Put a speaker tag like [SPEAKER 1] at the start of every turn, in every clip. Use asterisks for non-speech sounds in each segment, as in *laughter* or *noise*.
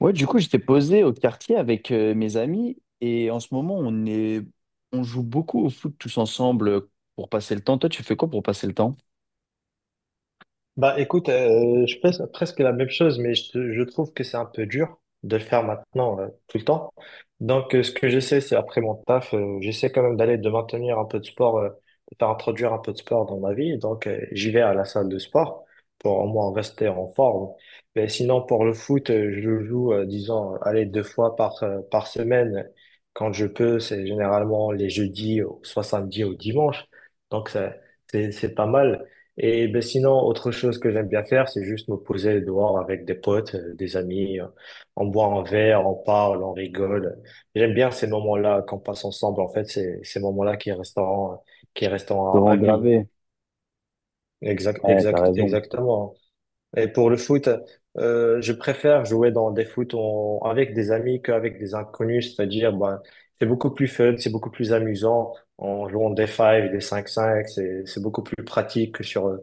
[SPEAKER 1] Ouais, du coup, j'étais posé au quartier avec mes amis et en ce moment, on joue beaucoup au foot tous ensemble pour passer le temps. Toi, tu fais quoi pour passer le temps?
[SPEAKER 2] Bah écoute, je fais presque la même chose, mais je trouve que c'est un peu dur de le faire maintenant tout le temps. Donc ce que j'essaie, c'est après mon taf, j'essaie quand même d'aller de maintenir un peu de sport, de faire introduire un peu de sport dans ma vie. Donc j'y vais à la salle de sport pour au moins rester en forme. Mais sinon pour le foot, je joue, disons, allez, deux fois par semaine. Quand je peux, c'est généralement les jeudis, soit samedi ou dimanche. Donc ça, c'est pas mal. Et ben sinon, autre chose que j'aime bien faire, c'est juste me poser dehors avec des potes, des amis. On boit un verre, on parle, on rigole. J'aime bien ces moments-là qu'on passe ensemble. En fait, c'est ces moments-là qui
[SPEAKER 1] Te
[SPEAKER 2] resteront
[SPEAKER 1] rends
[SPEAKER 2] à vie.
[SPEAKER 1] gravé.
[SPEAKER 2] Exact,
[SPEAKER 1] Ouais, t'as
[SPEAKER 2] exact,
[SPEAKER 1] raison.
[SPEAKER 2] exactement. Et pour le foot, je préfère jouer dans des foot avec des amis qu'avec des inconnus. C'est-à-dire, ben, c'est beaucoup plus fun, c'est beaucoup plus amusant en jouant des 5, des 5-5. C'est beaucoup plus pratique que sur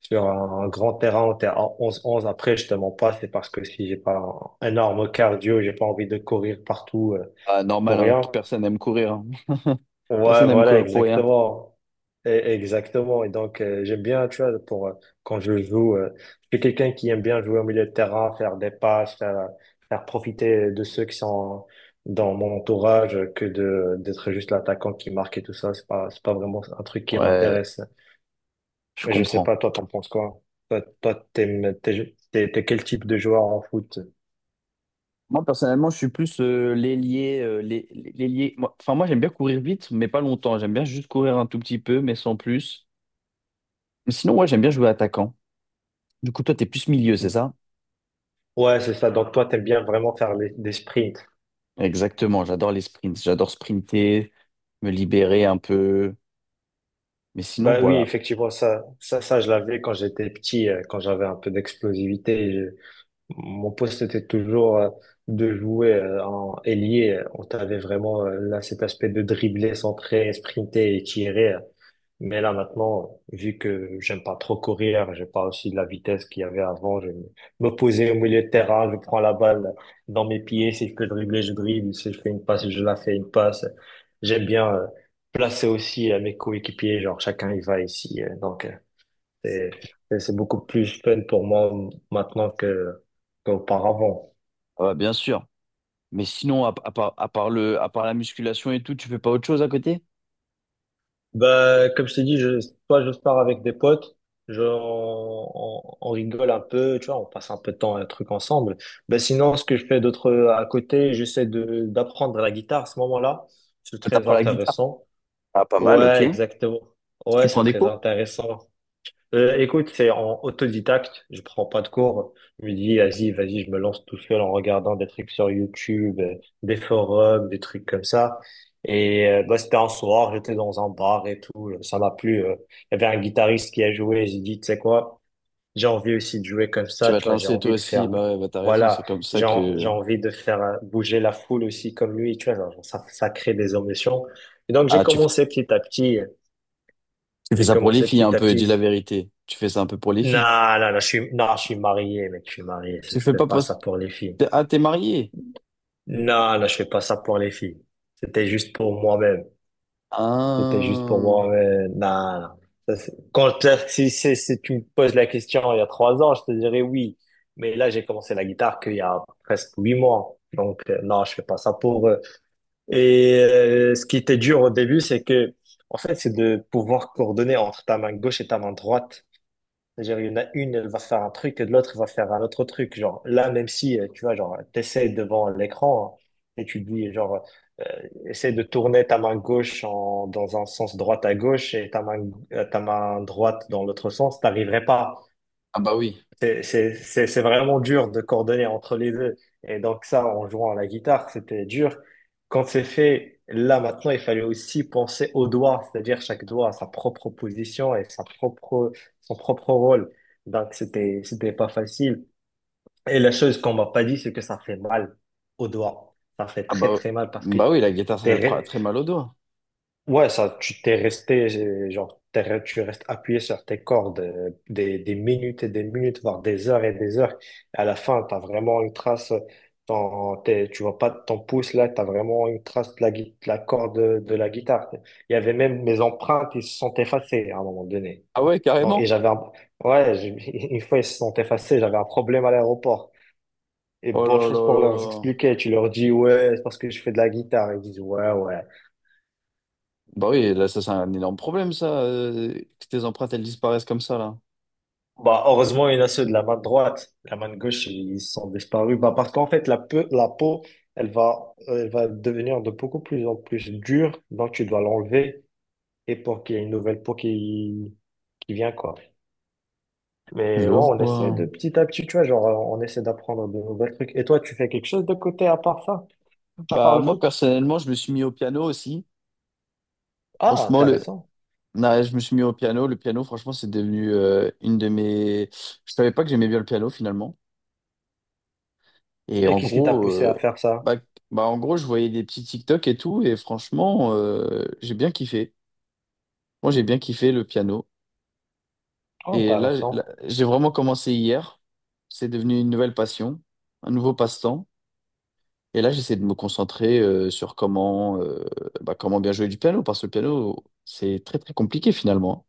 [SPEAKER 2] sur un grand terrain en en 11-11. Après, je te mens pas, c'est parce que si j'ai pas un énorme cardio, j'ai pas envie de courir partout
[SPEAKER 1] Ah,
[SPEAKER 2] pour
[SPEAKER 1] normal, hein,
[SPEAKER 2] rien.
[SPEAKER 1] personne n'aime courir, hein. *laughs* Personne
[SPEAKER 2] Ouais,
[SPEAKER 1] n'aime
[SPEAKER 2] voilà,
[SPEAKER 1] courir pour rien.
[SPEAKER 2] exactement. Exactement. Et donc, j'aime bien, tu vois, pour, quand je joue, je suis quelqu'un qui aime bien jouer au milieu de terrain, faire des passes, faire profiter de ceux qui sont dans mon entourage que d'être juste l'attaquant qui marque et tout ça. C'est pas vraiment un truc qui
[SPEAKER 1] Ouais,
[SPEAKER 2] m'intéresse.
[SPEAKER 1] je
[SPEAKER 2] Mais je sais
[SPEAKER 1] comprends.
[SPEAKER 2] pas, toi, t'en penses quoi? Toi, t'es quel type de joueur en foot?
[SPEAKER 1] Moi, personnellement, je suis plus l'ailier, l'ailier. Enfin, moi, j'aime bien courir vite, mais pas longtemps. J'aime bien juste courir un tout petit peu, mais sans plus. Mais sinon, ouais, j'aime bien jouer attaquant. Du coup, toi, t'es plus milieu, c'est ça?
[SPEAKER 2] Ouais, c'est ça. Donc, toi, t'aimes bien vraiment faire des sprints.
[SPEAKER 1] Exactement, j'adore les sprints, j'adore sprinter, me libérer un peu. Mais sinon,
[SPEAKER 2] Bah oui,
[SPEAKER 1] voilà.
[SPEAKER 2] effectivement, ça, je l'avais quand j'étais petit, quand j'avais un peu d'explosivité. Mon poste était toujours de jouer en ailier. On avait vraiment là cet aspect de dribbler, centrer, sprinter et tirer. Mais là, maintenant, vu que j'aime pas trop courir, j'ai pas aussi de la vitesse qu'il y avait avant, je vais me poser au milieu de terrain, je prends la balle dans mes pieds, si je peux dribbler, je dribble, si je fais une passe, je la fais une passe. J'aime bien placer aussi mes coéquipiers, genre chacun il va ici. Donc, c'est, c'est beaucoup plus fun pour moi maintenant qu'auparavant.
[SPEAKER 1] Ah bah, bien sûr. Mais sinon, à part la musculation et tout, tu fais pas autre chose à côté?
[SPEAKER 2] Bah, comme je t'ai dit, soit je pars avec des potes, je, on rigole un peu, tu vois, on passe un peu de temps, un truc ensemble. Bah, sinon, ce que je fais d'autre à côté, j'essaie de d'apprendre la guitare à ce moment-là. C'est
[SPEAKER 1] Ah,
[SPEAKER 2] très
[SPEAKER 1] t'apprends la guitare?
[SPEAKER 2] intéressant.
[SPEAKER 1] Ah, pas mal, ok.
[SPEAKER 2] Ouais, exactement. Ouais,
[SPEAKER 1] Tu
[SPEAKER 2] c'est
[SPEAKER 1] prends des
[SPEAKER 2] très
[SPEAKER 1] cours?
[SPEAKER 2] intéressant. Écoute, c'est en autodidacte. Je prends pas de cours. Je me dis, vas-y, vas-y, je me lance tout seul en regardant des trucs sur YouTube, des forums, des trucs comme ça. Et bah, c'était un soir, j'étais dans un bar et tout. Ça m'a plu. Il y avait un guitariste qui a joué. J'ai dit, tu sais quoi, j'ai envie aussi de jouer comme
[SPEAKER 1] Tu
[SPEAKER 2] ça.
[SPEAKER 1] vas
[SPEAKER 2] Tu
[SPEAKER 1] te
[SPEAKER 2] vois, j'ai
[SPEAKER 1] lancer
[SPEAKER 2] envie
[SPEAKER 1] toi
[SPEAKER 2] de faire,
[SPEAKER 1] aussi, bah ouais, bah t'as raison,
[SPEAKER 2] voilà,
[SPEAKER 1] c'est comme ça
[SPEAKER 2] j'ai
[SPEAKER 1] que...
[SPEAKER 2] envie de faire bouger la foule aussi comme lui. Tu vois, genre, ça crée des ambitions. Et donc j'ai
[SPEAKER 1] Ah,
[SPEAKER 2] commencé petit à petit.
[SPEAKER 1] tu fais
[SPEAKER 2] J'ai
[SPEAKER 1] ça pour les
[SPEAKER 2] commencé
[SPEAKER 1] filles un
[SPEAKER 2] petit à
[SPEAKER 1] peu, dis la
[SPEAKER 2] petit.
[SPEAKER 1] vérité. Tu fais ça un peu pour les filles.
[SPEAKER 2] Non, non, non, non, je suis marié, mec, je suis marié. Je
[SPEAKER 1] Tu fais
[SPEAKER 2] fais
[SPEAKER 1] pas
[SPEAKER 2] pas ça
[SPEAKER 1] parce...
[SPEAKER 2] pour les filles.
[SPEAKER 1] Ah, t'es marié?
[SPEAKER 2] Non, non, je fais pas ça pour les filles. C'était juste pour moi-même. C'était juste pour
[SPEAKER 1] Ah,
[SPEAKER 2] moi-même. Non, non. Ça, c'est- Quand, t'as- si, si, si tu me poses la question il y a 3 ans, je te dirais oui. Mais là, j'ai commencé la guitare qu'il y a presque 8 mois. Donc, non, je fais pas ça pour eux. Et ce qui était dur au début, c'est que, en fait, c'est de pouvoir coordonner entre ta main gauche et ta main droite. C'est-à-dire, il y en a une, elle va faire un truc, et l'autre va faire un autre truc. Genre, là, même si, tu vois, genre, t'essaies devant l'écran hein, et tu dis, genre, euh, essaie de tourner ta main gauche en, dans un sens droite à gauche et ta main droite dans l'autre sens, t'arriverais pas.
[SPEAKER 1] ah bah oui.
[SPEAKER 2] C'est vraiment dur de coordonner entre les deux. Et donc ça, en jouant à la guitare, c'était dur. Quand c'est fait, là maintenant, il fallait aussi penser aux doigts, c'est-à-dire chaque doigt a sa propre position et sa propre, son propre rôle. Donc c'était, c'était pas facile. Et la chose qu'on m'a pas dit, c'est que ça fait mal aux doigts. Ça fait
[SPEAKER 1] Ah
[SPEAKER 2] très
[SPEAKER 1] bah,
[SPEAKER 2] très mal parce que
[SPEAKER 1] bah oui, la guitare,
[SPEAKER 2] t'es,
[SPEAKER 1] très mal au doigt.
[SPEAKER 2] ouais, ça, genre, tu restes appuyé sur tes cordes des minutes et des minutes, voire des heures et des heures. À la fin, t'as vraiment une trace, tu vois pas ton pouce là, t'as vraiment une trace de la corde de la guitare. Il y avait même mes empreintes, ils se sont effacées à un moment donné.
[SPEAKER 1] Ah ouais,
[SPEAKER 2] Donc, et
[SPEAKER 1] carrément?
[SPEAKER 2] j'avais ouais, *laughs* une fois ils se sont effacés, j'avais un problème à l'aéroport. Et
[SPEAKER 1] Oh
[SPEAKER 2] bonne
[SPEAKER 1] là
[SPEAKER 2] chose
[SPEAKER 1] là
[SPEAKER 2] pour
[SPEAKER 1] là
[SPEAKER 2] leur
[SPEAKER 1] là.
[SPEAKER 2] expliquer, tu leur dis, ouais, c'est parce que je fais de la guitare. Ils disent, ouais, ouais.
[SPEAKER 1] Bah oui, là, ça, c'est un énorme problème, ça, que tes empreintes, elles disparaissent comme ça, là.
[SPEAKER 2] Bah, heureusement, il y en a ceux de la main droite. La main gauche, ils sont disparus. Bah, parce qu'en fait, la peau, elle va devenir de beaucoup plus en plus dure. Donc, tu dois l'enlever et pour qu'il y ait une nouvelle peau qui vient, quoi.
[SPEAKER 1] Je
[SPEAKER 2] Mais ouais, on essaie
[SPEAKER 1] vois.
[SPEAKER 2] de petit à petit, tu vois, genre, on essaie d'apprendre de nouvelles trucs. Et toi, tu fais quelque chose de côté à part ça, à part
[SPEAKER 1] Bah
[SPEAKER 2] le
[SPEAKER 1] moi,
[SPEAKER 2] foot?
[SPEAKER 1] personnellement, je me suis mis au piano aussi.
[SPEAKER 2] Ah,
[SPEAKER 1] Franchement, le...
[SPEAKER 2] intéressant.
[SPEAKER 1] non, je me suis mis au piano. Le piano, franchement, c'est devenu une de mes... Je savais pas que j'aimais bien le piano, finalement. Et
[SPEAKER 2] Et
[SPEAKER 1] en
[SPEAKER 2] qu'est-ce qui t'a
[SPEAKER 1] gros...
[SPEAKER 2] poussé à faire ça?
[SPEAKER 1] Bah, bah, en gros, je voyais des petits TikTok et tout, et franchement, j'ai bien kiffé. Moi, j'ai bien kiffé le piano.
[SPEAKER 2] Ah,
[SPEAKER 1] Et là,
[SPEAKER 2] intéressant.
[SPEAKER 1] j'ai vraiment commencé hier. C'est devenu une nouvelle passion, un nouveau passe-temps. Et là, j'essaie de me concentrer sur comment, bah, comment bien jouer du piano, parce que le piano, c'est très, très compliqué finalement.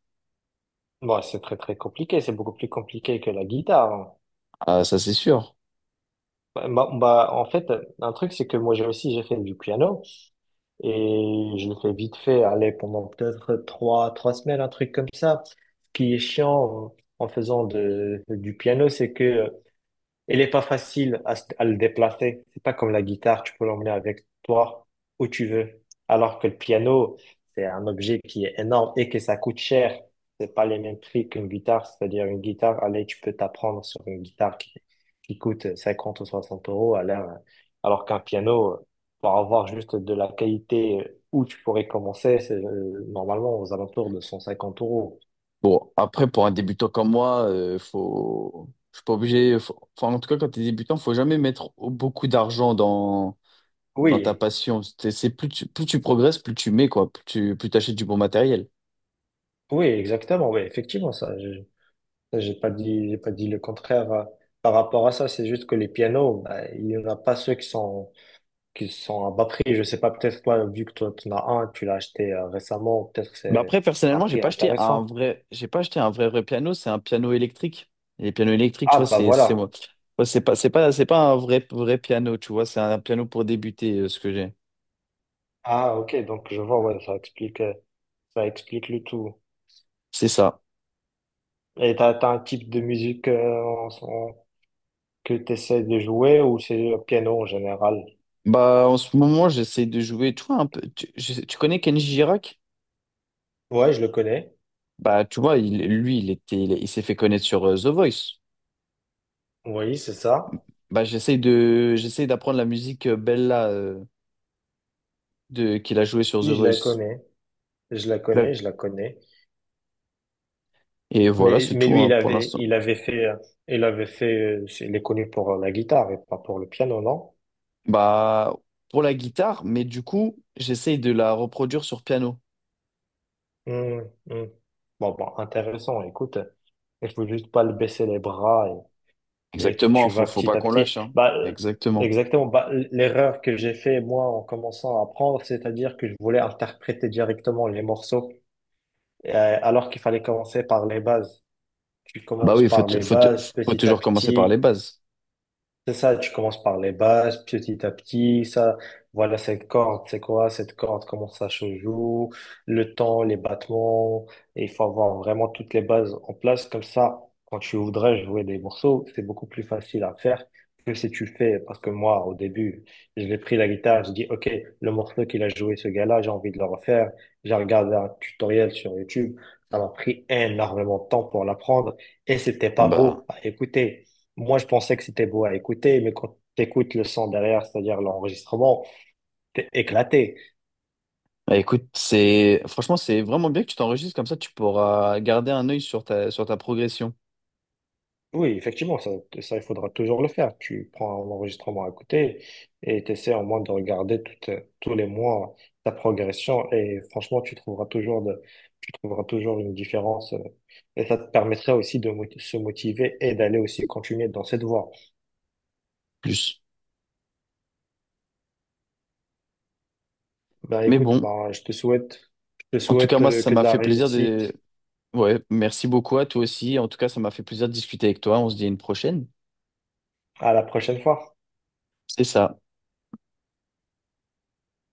[SPEAKER 2] Bon, c'est très, très compliqué. C'est beaucoup plus compliqué que la guitare.
[SPEAKER 1] Ah, ça, c'est sûr.
[SPEAKER 2] Bah, bah, bah, en fait, un truc, c'est que moi j'ai aussi j'ai fait du piano et je l'ai fais vite fait, aller pendant peut-être trois semaines, un truc comme ça. Ce qui est chiant en faisant de, du piano, c'est que elle n'est pas facile à le déplacer. C'est pas comme la guitare, tu peux l'emmener avec toi où tu veux. Alors que le piano, c'est un objet qui est énorme et que ça coûte cher. C'est pas les mêmes prix qu'une guitare. C'est-à-dire une guitare, allez, tu peux t'apprendre sur une guitare qui coûte 50 ou 60 euros à l'heure. Alors qu'un piano, pour avoir juste de la qualité où tu pourrais commencer, c'est normalement aux alentours de 150 euros.
[SPEAKER 1] Bon, après, pour un débutant comme moi, faut... je suis pas obligé. Enfin, en tout cas, quand tu es débutant, faut jamais mettre beaucoup d'argent dans ta
[SPEAKER 2] Oui,
[SPEAKER 1] passion. C'est plus plus tu progresses, plus tu mets, quoi. Plus t'achètes du bon matériel.
[SPEAKER 2] oui, exactement, oui, effectivement, ça. Ça, J'ai pas dit le contraire par rapport à ça. C'est juste que les pianos, bah, il n'y en a pas ceux qui sont à bas prix. Je sais pas, peut-être toi, vu que toi, tu en as un, tu l'as acheté récemment, peut-être que
[SPEAKER 1] Mais
[SPEAKER 2] c'est
[SPEAKER 1] après,
[SPEAKER 2] un
[SPEAKER 1] personnellement,
[SPEAKER 2] prix intéressant.
[SPEAKER 1] j'ai pas acheté un vrai, vrai piano. C'est un piano électrique. Et les pianos électriques, tu
[SPEAKER 2] Ah,
[SPEAKER 1] vois,
[SPEAKER 2] bah
[SPEAKER 1] c'est
[SPEAKER 2] voilà.
[SPEAKER 1] moi. Ouais, c'est pas un vrai, vrai piano, tu vois. C'est un piano pour débuter, ce que j'ai.
[SPEAKER 2] Ah, ok. Donc, je vois, ouais, ça explique le tout.
[SPEAKER 1] C'est ça.
[SPEAKER 2] Et t'as un type de musique que tu essaies de jouer ou c'est le piano en général?
[SPEAKER 1] Bah, en ce moment, j'essaie de jouer, tu vois, un peu. Tu connais Kenji Girac?
[SPEAKER 2] Ouais, je le connais.
[SPEAKER 1] Bah, tu vois, il, lui, il était, il s'est fait connaître sur The Voice.
[SPEAKER 2] Oui, c'est ça.
[SPEAKER 1] Bah, j'essaie d'apprendre la musique Bella, qu'il a joué sur The
[SPEAKER 2] Oui, je la
[SPEAKER 1] Voice.
[SPEAKER 2] connais. Je la
[SPEAKER 1] Là.
[SPEAKER 2] connais, je la connais.
[SPEAKER 1] Et voilà, c'est
[SPEAKER 2] Mais
[SPEAKER 1] tout
[SPEAKER 2] lui,
[SPEAKER 1] hein,
[SPEAKER 2] il
[SPEAKER 1] pour
[SPEAKER 2] avait,
[SPEAKER 1] l'instant.
[SPEAKER 2] il avait fait, il est connu pour la guitare et pas pour le piano, non?
[SPEAKER 1] Bah, pour la guitare, mais du coup, j'essaie de la reproduire sur piano.
[SPEAKER 2] Hum, hum. Bon, bon, intéressant. Écoute, il faut juste pas le baisser les bras et que
[SPEAKER 1] Exactement,
[SPEAKER 2] tu vas
[SPEAKER 1] faut pas
[SPEAKER 2] petit à
[SPEAKER 1] qu'on
[SPEAKER 2] petit.
[SPEAKER 1] lâche, hein.
[SPEAKER 2] Bah,
[SPEAKER 1] Exactement.
[SPEAKER 2] exactement. Bah, l'erreur que j'ai fait, moi, en commençant à apprendre, c'est-à-dire que je voulais interpréter directement les morceaux, alors qu'il fallait commencer par les bases. Tu
[SPEAKER 1] Bah
[SPEAKER 2] commences
[SPEAKER 1] oui,
[SPEAKER 2] par les bases,
[SPEAKER 1] faut
[SPEAKER 2] petit à
[SPEAKER 1] toujours commencer par les
[SPEAKER 2] petit.
[SPEAKER 1] bases.
[SPEAKER 2] C'est ça, tu commences par les bases, petit à petit, ça, voilà cette corde, c'est quoi cette corde, comment ça se joue, le temps, les battements, et il faut avoir vraiment toutes les bases en place, comme ça, quand tu voudrais jouer des morceaux, c'est beaucoup plus facile à faire que si tu fais, parce que moi, au début, je l'ai pris la guitare, je dis, OK, le morceau qu'il a joué ce gars-là, j'ai envie de le refaire, j'ai regardé un tutoriel sur YouTube, ça m'a pris énormément de temps pour l'apprendre, et c'était
[SPEAKER 1] Ah
[SPEAKER 2] pas
[SPEAKER 1] bah.
[SPEAKER 2] beau à écouter. Moi, je pensais que c'était beau à écouter, mais quand t'écoutes le son derrière, c'est-à-dire l'enregistrement, t'es éclaté.
[SPEAKER 1] Bah, écoute, c'est vraiment bien que tu t'enregistres comme ça, tu pourras garder un œil sur sur ta progression
[SPEAKER 2] Oui, effectivement, ça, il faudra toujours le faire. Tu prends l'enregistrement à côté et t'essaies au moins de regarder tous les mois ta progression et franchement, tu trouveras toujours une différence et ça te permettra aussi de se motiver et d'aller aussi continuer dans cette voie.
[SPEAKER 1] plus.
[SPEAKER 2] Ben,
[SPEAKER 1] Mais
[SPEAKER 2] écoute,
[SPEAKER 1] bon,
[SPEAKER 2] ben, je te souhaite, je te
[SPEAKER 1] en tout cas,
[SPEAKER 2] souhaite
[SPEAKER 1] moi, ça
[SPEAKER 2] que de
[SPEAKER 1] m'a
[SPEAKER 2] la
[SPEAKER 1] fait plaisir de.
[SPEAKER 2] réussite
[SPEAKER 1] Ouais, merci beaucoup à toi aussi. En tout cas, ça m'a fait plaisir de discuter avec toi. On se dit à une prochaine.
[SPEAKER 2] à la prochaine fois.
[SPEAKER 1] C'est ça.